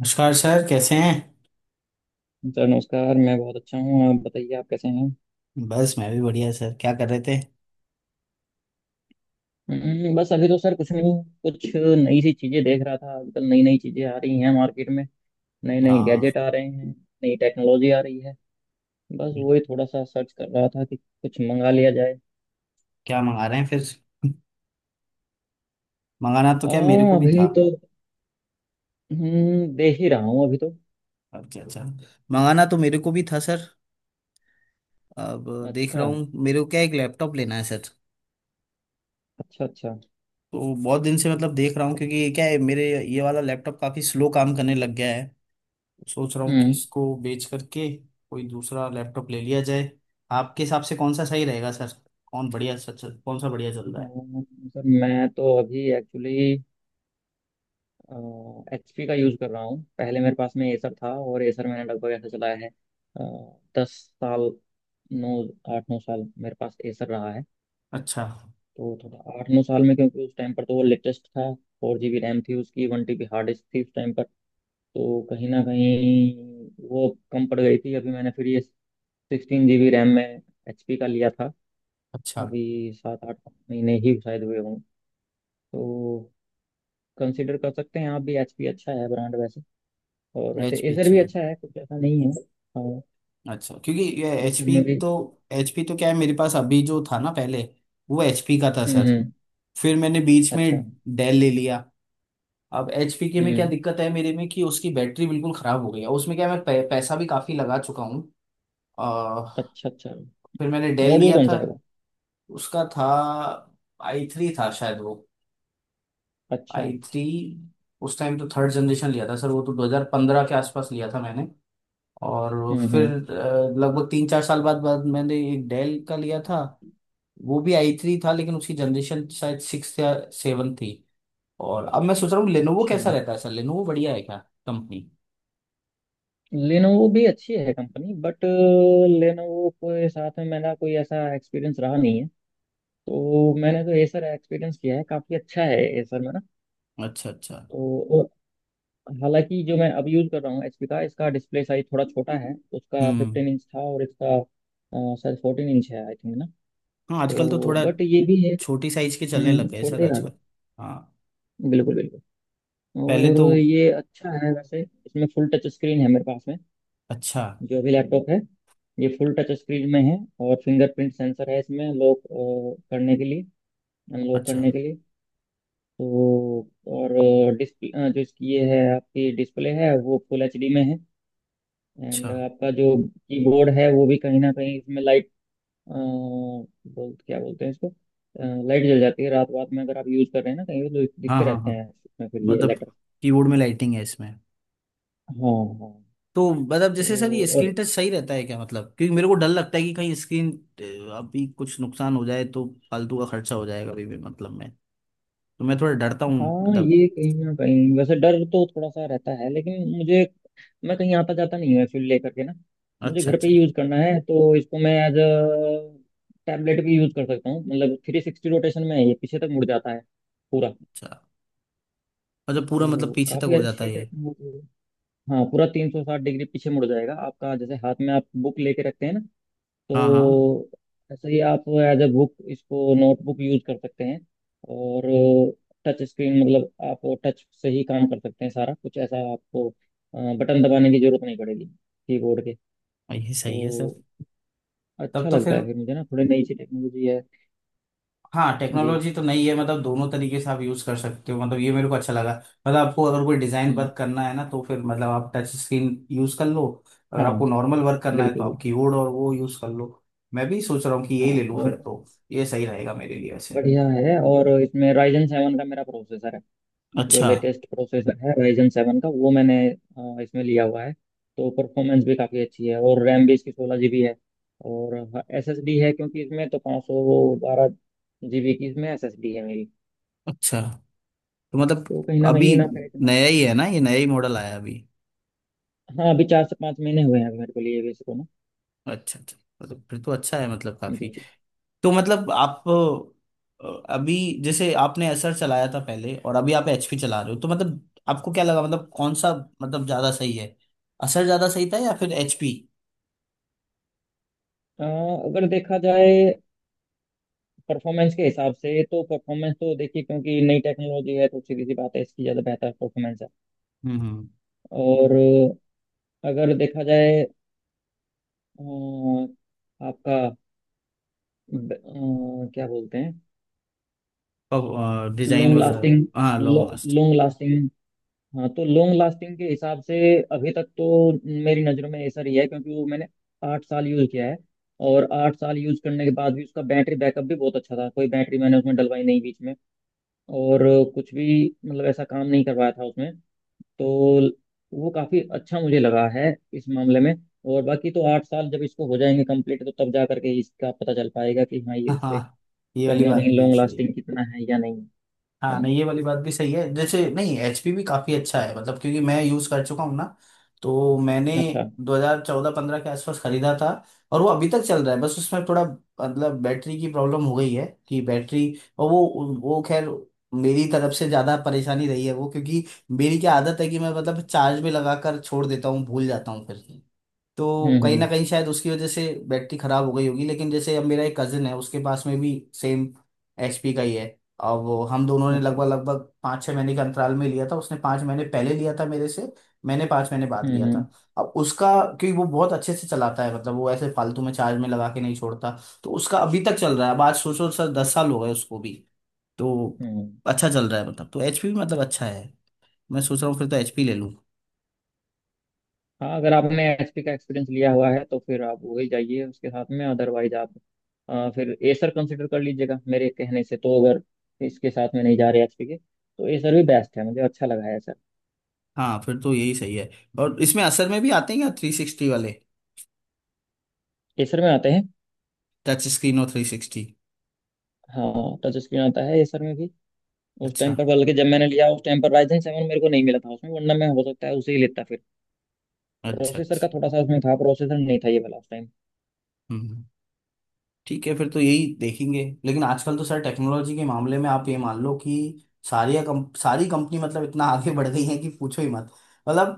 नमस्कार सर, कैसे हैं। सर नमस्कार मैं बहुत अच्छा हूँ। आप बताइए आप कैसे हैं। बस मैं भी बढ़िया सर, क्या कर रहे थे। बस अभी तो सर कुछ नहीं। कुछ नई सी चीजें देख रहा था। आजकल नई नई चीजें आ रही हैं मार्केट में। नए नए हाँ, गैजेट आ रहे हैं। नई टेक्नोलॉजी आ रही है। बस वही थोड़ा सा सर्च कर रहा था कि कुछ मंगा लिया जाए। क्या मंगा रहे हैं फिर। मंगाना तो क्या, मेरे हाँ को भी अभी था। तो देख ही रहा हूँ अभी तो। अच्छा अच्छा, मंगाना तो मेरे को भी था सर। अब देख अच्छा रहा हूँ, मेरे को क्या एक लैपटॉप लेना है सर। अच्छा। अच्छा। तो बहुत दिन से मतलब देख रहा हूँ, क्योंकि ये क्या है मेरे ये वाला लैपटॉप काफ़ी स्लो काम करने लग गया है। सोच रहा हूँ कि हम्म। इसको बेच करके कोई दूसरा लैपटॉप ले लिया जाए। आपके हिसाब से कौन सा सही रहेगा सर। कौन बढ़िया सर, कौन सा बढ़िया चल रहा है। अम, सर मैं तो अभी एक्चुअली एचपी का यूज़ कर रहा हूँ। पहले मेरे पास में एसर था और एसर मैंने लगभग ऐसा चलाया है अ, 10 साल, नौ, 8-9 साल मेरे पास एसर रहा है। अच्छा तो थोड़ा 8-9 साल में, क्योंकि उस टाइम पर तो वो लेटेस्ट था। 4 GB रैम थी उसकी, 1 TB हार्ड डिस्क थी उस टाइम पर। तो कहीं ना कहीं वो कम पड़ गई थी। अभी मैंने फिर ये 16 GB रैम में एचपी का लिया था। अच्छा। अभी 7-8 महीने ही शायद हुए हों। तो कंसिडर कर सकते हैं आप भी, एचपी अच्छा है ब्रांड वैसे। और वैसे एच पी एसर अच्छा भी है। अच्छा है, कुछ ऐसा नहीं है। और अच्छा, क्योंकि ये एसर एचपी में भी। तो, एचपी तो क्या है, मेरे पास अभी जो था ना पहले वो एचपी का था सर। हम्म। फिर मैंने बीच में अच्छा। डेल ले लिया। अब एचपी के में क्या हम्म। दिक्कत है मेरे में कि उसकी बैटरी बिल्कुल खराब हो गई है। उसमें क्या है, मैं पैसा भी काफी लगा चुका हूँ। अ, अच्छा अच्छा। फिर मैंने डेल मॉडल लिया कौन सा था। है वो? उसका था आई थ्री था शायद वो। अच्छा। I three. उस टाइम तो थर्ड जनरेशन लिया था सर, वो तो 2015 के आसपास लिया था मैंने। और फिर हम्म। लगभग 3 4 साल बाद बाद मैंने एक डेल का लिया था। वो भी आई थ्री था, लेकिन उसकी जनरेशन शायद सिक्स या सेवन थी। और अब मैं सोच रहा हूँ लेनोवो अच्छा। कैसा रहता है सर, लेनोवो बढ़िया है क्या कंपनी। लेनोवो भी अच्छी है कंपनी, बट लेनोवो के साथ में मेरा कोई ऐसा एक्सपीरियंस रहा नहीं है। तो मैंने तो एसर एक्सपीरियंस किया है, काफ़ी अच्छा है एसर में ना। अच्छा अच्छा। तो और हालांकि जो मैं अब यूज़ कर रहा हूँ एचपी का, इसका डिस्प्ले साइज थोड़ा छोटा है। उसका हम्म। 15 इंच था और इसका शायद 14 इंच है आई थिंक ना। हाँ, आजकल तो तो थोड़ा बट ये भी है। छोटी साइज के चलने हम्म, लग गए सर छोटे यार। आजकल। हाँ। बिल्कुल बिल्कुल। पहले और तो, ये अच्छा है वैसे। इसमें फुल टच स्क्रीन है मेरे पास में अच्छा। जो भी लैपटॉप है। ये फुल टच स्क्रीन में है। और फिंगरप्रिंट सेंसर है इसमें, लॉक करने के लिए, अनलॉक अच्छा। करने के लिए। तो और डिस्प्ले जो इसकी ये है, आपकी डिस्प्ले है वो फुल एचडी में है। अच्छा। एंड आपका जो कीबोर्ड है वो भी कहीं ना कहीं इसमें लाइट, बोल क्या बोलते हैं इसको, लाइट जल जाती है। रात रात में अगर आप यूज कर रहे हैं ना कहीं तो हाँ दिखते हाँ रहते हाँ, हैं इसमें फिर ये। मतलब कीबोर्ड में लाइटिंग है इसमें। हाँ हाँ। तो मतलब जैसे सर तो ये स्क्रीन और टच सही रहता है क्या, मतलब क्योंकि मेरे को डर लगता है कि कहीं स्क्रीन अभी कुछ नुकसान हो जाए तो फालतू का खर्चा हो जाएगा अभी भी, मतलब मैं, तो मैं थोड़ा डरता हूँ हाँ, मतलब। ये कहीं ना कहीं वैसे डर तो थोड़ा सा रहता है, लेकिन मुझे, मैं कहीं आता जाता नहीं हूँ एक्चुअली लेकर के ना। मुझे अच्छा घर पे अच्छा। ही यूज करना है, तो इसको मैं एज अ टैबलेट भी यूज कर सकता हूँ। मतलब 360 रोटेशन में है, ये पीछे तक मुड़ जाता है पूरा। अच्छा। अच्छा पूरा, मतलब तो पीछे तक काफी हो जाता अच्छी है ये। टेक्नोलॉजी है। हाँ पूरा 360 डिग्री पीछे मुड़ जाएगा आपका। जैसे हाथ में आप बुक लेके रखते हैं ना, हाँ हाँ, तो ऐसे ही आप एज ए बुक इसको नोटबुक यूज कर सकते हैं। और टच स्क्रीन मतलब आप टच से ही काम कर सकते हैं सारा कुछ, ऐसा आपको बटन दबाने की जरूरत नहीं पड़ेगी कीबोर्ड के। ये सही है सर। तो तब अच्छा तो लगता फिर, है फिर मुझे ना, थोड़ी नई सी टेक्नोलॉजी है। हाँ जी। टेक्नोलॉजी तो नई है, मतलब दोनों तरीके से आप यूज कर सकते हो, मतलब ये मेरे को अच्छा लगा। मतलब आपको अगर कोई डिजाइन हम्म, वर्क करना है ना तो फिर मतलब आप टच स्क्रीन यूज कर लो, अगर हाँ आपको नॉर्मल वर्क करना है तो बिल्कुल आप बिल्कुल। कीबोर्ड और वो यूज कर लो। मैं भी सोच रहा हूँ कि हाँ ये ले लूँ फिर और तो, ये सही रहेगा मेरे लिए वैसे। बढ़िया है। और इसमें राइजन सेवन का मेरा प्रोसेसर है, जो अच्छा। लेटेस्ट प्रोसेसर है राइजन सेवन का, वो मैंने इसमें लिया हुआ है। तो परफॉर्मेंस भी काफ़ी अच्छी है और रैम भी इसकी 16 GB है। और एस एस डी है, क्योंकि इसमें तो 512 जी बी की इसमें एस एस डी है मेरी। अच्छा तो मतलब तो अभी कहीं ना फिर इतना। नया ही है ना, ये नया ही मॉडल आया अभी। हाँ अभी 4 से 5 महीने हुए हैं अभी मेरे को लिए भी इसको ना। अच्छा अच्छा, मतलब फिर तो अच्छा है मतलब काफी। जी। तो मतलब आप अ, अभी जैसे आपने असर चलाया था पहले और अभी आप एचपी चला रहे हो, तो मतलब आपको क्या लगा मतलब कौन सा, मतलब ज्यादा सही है, असर ज्यादा सही था या फिर एचपी। अ, अगर देखा जाए परफॉर्मेंस के हिसाब से, तो परफॉर्मेंस तो देखिए क्योंकि नई टेक्नोलॉजी है, तो सीधी सी बात है, इसकी ज़्यादा बेहतर परफॉर्मेंस है। हम्म। और अगर देखा जाए अ, आपका ब- क्या बोलते हैं, डिजाइन लॉन्ग वगैरह। लास्टिंग। हाँ, लॉन्ग लास्ट। लॉन्ग लास्टिंग, हाँ। तो लॉन्ग लास्टिंग के हिसाब से अभी तक तो मेरी नज़रों में एसर ही है, क्योंकि वो मैंने 8 साल यूज़ किया है। और 8 साल यूज़ करने के बाद भी उसका बैटरी बैकअप भी बहुत अच्छा था, कोई बैटरी मैंने उसमें डलवाई नहीं बीच में। और कुछ भी मतलब ऐसा काम नहीं करवाया था उसमें। तो वो काफी अच्छा मुझे लगा है इस मामले में। और बाकी तो 8 साल जब इसको हो जाएंगे कंप्लीट, तो तब जा करके इसका पता चल पाएगा कि हाँ ये उससे हाँ, ये वाली कहीं ना बात कहीं भी लॉन्ग सही। लास्टिंग कितना है या नहीं। है हाँ, ना। नहीं, ये वाली बात भी सही है। जैसे नहीं एचपी भी काफ़ी अच्छा है मतलब, क्योंकि मैं यूज़ कर चुका हूँ ना। तो मैंने अच्छा। 2014-15 के आसपास खरीदा था और वो अभी तक चल रहा है, बस उसमें थोड़ा मतलब बैटरी की प्रॉब्लम हो गई है कि बैटरी, और वो खैर मेरी तरफ से ज़्यादा परेशानी रही है वो, क्योंकि मेरी क्या आदत है कि मैं मतलब चार्ज में लगा कर छोड़ देता हूँ, भूल जाता हूँ फिर। तो कहीं ना हम्म। कहीं शायद उसकी वजह से बैटरी खराब हो गई होगी। लेकिन जैसे अब मेरा एक कजिन है, उसके पास में भी सेम एचपी का ही है। अब वो हम दोनों ने अच्छा। लगभग लगभग 5 6 महीने के अंतराल में लिया था, उसने 5 महीने पहले लिया था मेरे से, मैंने 5 महीने बाद लिया था। हम्म। अब उसका, क्योंकि वो बहुत अच्छे से चलाता है, मतलब वो ऐसे फालतू में चार्ज में लगा के नहीं छोड़ता। तो उसका अभी तक चल रहा है, अब आज सोचो सर 10 साल हो गए उसको भी। तो हम्म। अच्छा चल रहा है, मतलब तो एचपी भी मतलब अच्छा है। मैं सोच रहा हूँ फिर तो एचपी ले लूँ। हाँ अगर आपने एचपी का एक्सपीरियंस लिया हुआ है, तो फिर आप वही जाइए उसके साथ में। अदरवाइज आप फिर एसर कंसिडर कर लीजिएगा मेरे कहने से। तो अगर इसके साथ में नहीं जा रहे एचपी के तो एसर भी बेस्ट है, मुझे अच्छा लगा है एसर। हाँ फिर तो यही सही है। और इसमें असर में भी आते हैं क्या थ्री सिक्सटी वाले, एसर में आते हैं। टच स्क्रीन और थ्री सिक्सटी। हाँ टच स्क्रीन आता है एसर में भी। उस अच्छा टाइम पर बल्कि जब मैंने लिया उस टाइम पर राइजन सेवन मेरे को नहीं मिला था उसमें, वरना मैं हो सकता है उसे ही लेता फिर। अच्छा। प्रोसेसर अच्छा। का थोड़ा सा उसमें था, प्रोसेसर नहीं था ये वाला उस टाइम। हम्म। ठीक है फिर तो यही देखेंगे। लेकिन आजकल तो सर टेक्नोलॉजी के मामले में आप ये मान लो कि सारी कंपनी मतलब इतना आगे बढ़ गई है कि पूछो ही मत। मतलब,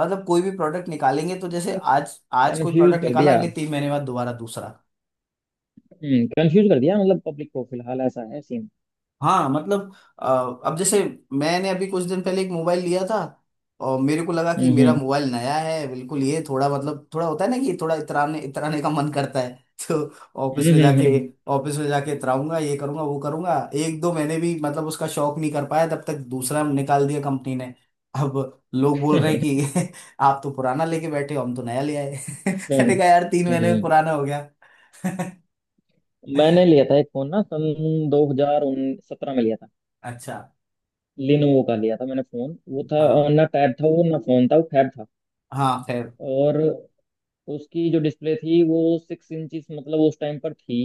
मतलब कोई भी प्रोडक्ट निकालेंगे तो जैसे आज आज कोई कंफ्यूज प्रोडक्ट कर निकाला दिया। अगले 3 महीने बाद दोबारा दूसरा। हम्म, कंफ्यूज कर दिया, मतलब पब्लिक को फिलहाल ऐसा है सीन। हाँ मतलब, अ, अब जैसे मैंने अभी कुछ दिन पहले एक मोबाइल लिया था और मेरे को लगा कि मेरा हम्म मोबाइल नया है बिल्कुल, ये थोड़ा मतलब थोड़ा होता है ना कि थोड़ा इतराने इतराने का मन करता है। तो हम्म। ऑफिस में जाके ऑफिस में जाके इतराऊंगा, ये करूंगा वो करूंगा। 1 2 महीने भी मतलब उसका शौक नहीं कर पाया, तब तक दूसरा निकाल दिया कंपनी ने। अब लोग बोल रहे हैं कि आप तो पुराना लेके बैठे हो, हम तो नया ले आए। मैंने हम्म, कहा यार तीन महीने में हम्म। पुराना हो गया। मैंने लिया था एक फोन ना सन 2017 में लिया था। अच्छा। लिनोवो का लिया था मैंने फोन, वो था। और हाँ ना टैब था वो ना फोन था, वो फैब था। हाँ खैर। और उसकी जो डिस्प्ले थी वो 6 इंचिस मतलब उस टाइम पर थी।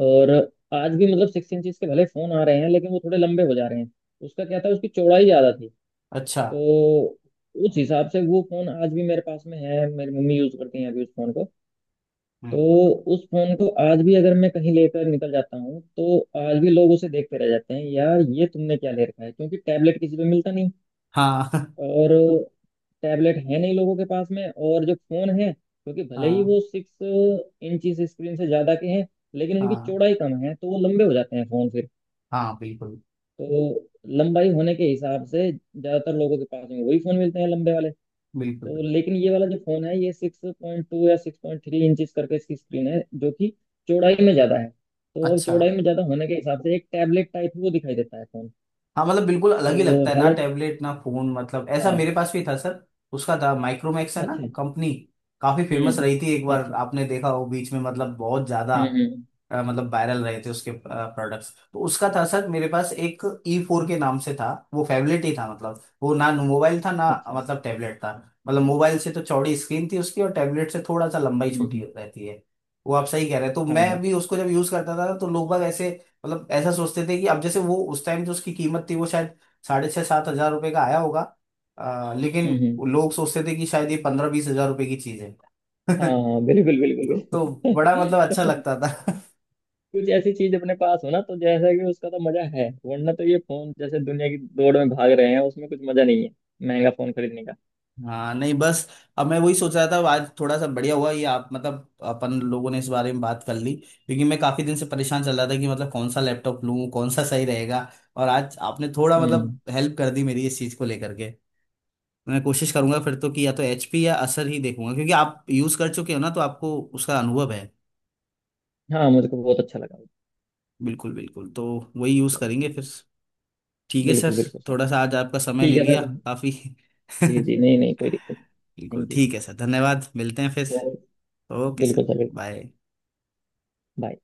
और आज भी मतलब 6 इंचिस के भले फोन आ रहे हैं, लेकिन वो थोड़े लंबे हो जा रहे हैं। उसका क्या था, उसकी चौड़ाई ज्यादा थी। अच्छा। तो उस हिसाब से वो फोन आज भी मेरे पास में है, मेरी मम्मी यूज करती हैं अभी उस फोन को। तो हम्म। उस फोन को आज भी अगर मैं कहीं लेकर निकल जाता हूँ तो आज भी लोग उसे देखते रह जाते हैं, यार ये तुमने क्या ले रखा है। क्योंकि टैबलेट किसी पे मिलता नहीं, हाँ। और टैबलेट है नहीं लोगों के पास में। और जो फोन है क्योंकि भले ही हाँ वो 6 इंच स्क्रीन से ज्यादा के हैं, लेकिन उनकी हाँ चौड़ाई कम है, तो वो लंबे हो जाते हैं फोन फिर। हाँ बिल्कुल तो लंबाई होने के हिसाब से ज्यादातर लोगों के पास में वही फोन मिलते हैं, लंबे वाले। बिल्कुल। तो बिल्कुल। लेकिन ये वाला जो फोन है ये 6.2 या 6.3 इंचज करके इसकी स्क्रीन है, जो कि चौड़ाई में ज्यादा है। तो अब अच्छा। चौड़ाई में ज्यादा होने के हिसाब से एक टैबलेट टाइप वो दिखाई देता है फोन। हाँ, मतलब बिल्कुल अलग ही तो लगता है, ना हालांकि टैबलेट ना फोन, मतलब ऐसा हाँ। मेरे पास भी था सर। उसका था माइक्रोमैक्स है ना अच्छा। कंपनी, काफी फेमस रही थी एक हम्म। बार, अच्छा। आपने देखा हो बीच में, मतलब बहुत ज्यादा हम्म हम्म, मतलब वायरल रहे थे उसके प्रोडक्ट्स। तो उसका था सर मेरे पास एक, ई फोर के नाम से था। वो फेवलेट ही था, मतलब वो ना मोबाइल था ना, अच्छा। मतलब टैबलेट था, मतलब मोबाइल से तो चौड़ी स्क्रीन थी उसकी और टैबलेट से थोड़ा सा लंबाई हम्म हम्म, छोटी रहती है। वो आप सही कह रहे हैं। तो हाँ मैं हाँ। भी उसको जब यूज करता था तो लोग बाग ऐसे मतलब ऐसा सोचते थे कि, अब जैसे वो उस टाइम जो उसकी कीमत थी वो शायद ₹6500 7000 का आया होगा, लेकिन हम्म हम्म, लोग सोचते थे कि शायद ये ₹15 20 हजार की चीज है। हाँ हाँ, बिल्कुल बिल्कुल। तो बड़ा मतलब अच्छा बिल्कुल। लगता था। कुछ ऐसी चीज अपने पास हो ना, तो जैसा कि उसका तो मजा है। वरना तो ये फोन जैसे दुनिया की दौड़ में भाग रहे हैं उसमें कुछ मजा नहीं है, महंगा फोन खरीदने का। हाँ नहीं बस, अब मैं वही सोच रहा था आज थोड़ा सा बढ़िया हुआ ये, आप मतलब अपन लोगों ने इस बारे में बात कर ली, क्योंकि मैं काफी दिन से परेशान चल रहा था कि मतलब कौन सा लैपटॉप लूँ, कौन सा सही रहेगा। और आज आपने थोड़ा मतलब हम्म। हेल्प कर दी मेरी, इस चीज को लेकर के। मैं कोशिश करूंगा फिर तो कि या तो एचपी या असर ही देखूंगा, क्योंकि आप यूज कर चुके हो ना तो आपको उसका अनुभव है। हाँ मुझको बहुत अच्छा लगा। बिल्कुल बिल्कुल, तो वही यूज करेंगे चलिए। फिर। ठीक है सर। बिल्कुल बिल्कुल सर। थोड़ा सा आज आपका समय ठीक ले है लिया सर। काफी। जी जी, नहीं नहीं, कोई दिक्कत नहीं। बिल्कुल थैंक यू। ठीक है सर, धन्यवाद, मिलते हैं फिर। तो ओके सर। बिल्कुल सर बिल्कुल। बाय। बाय।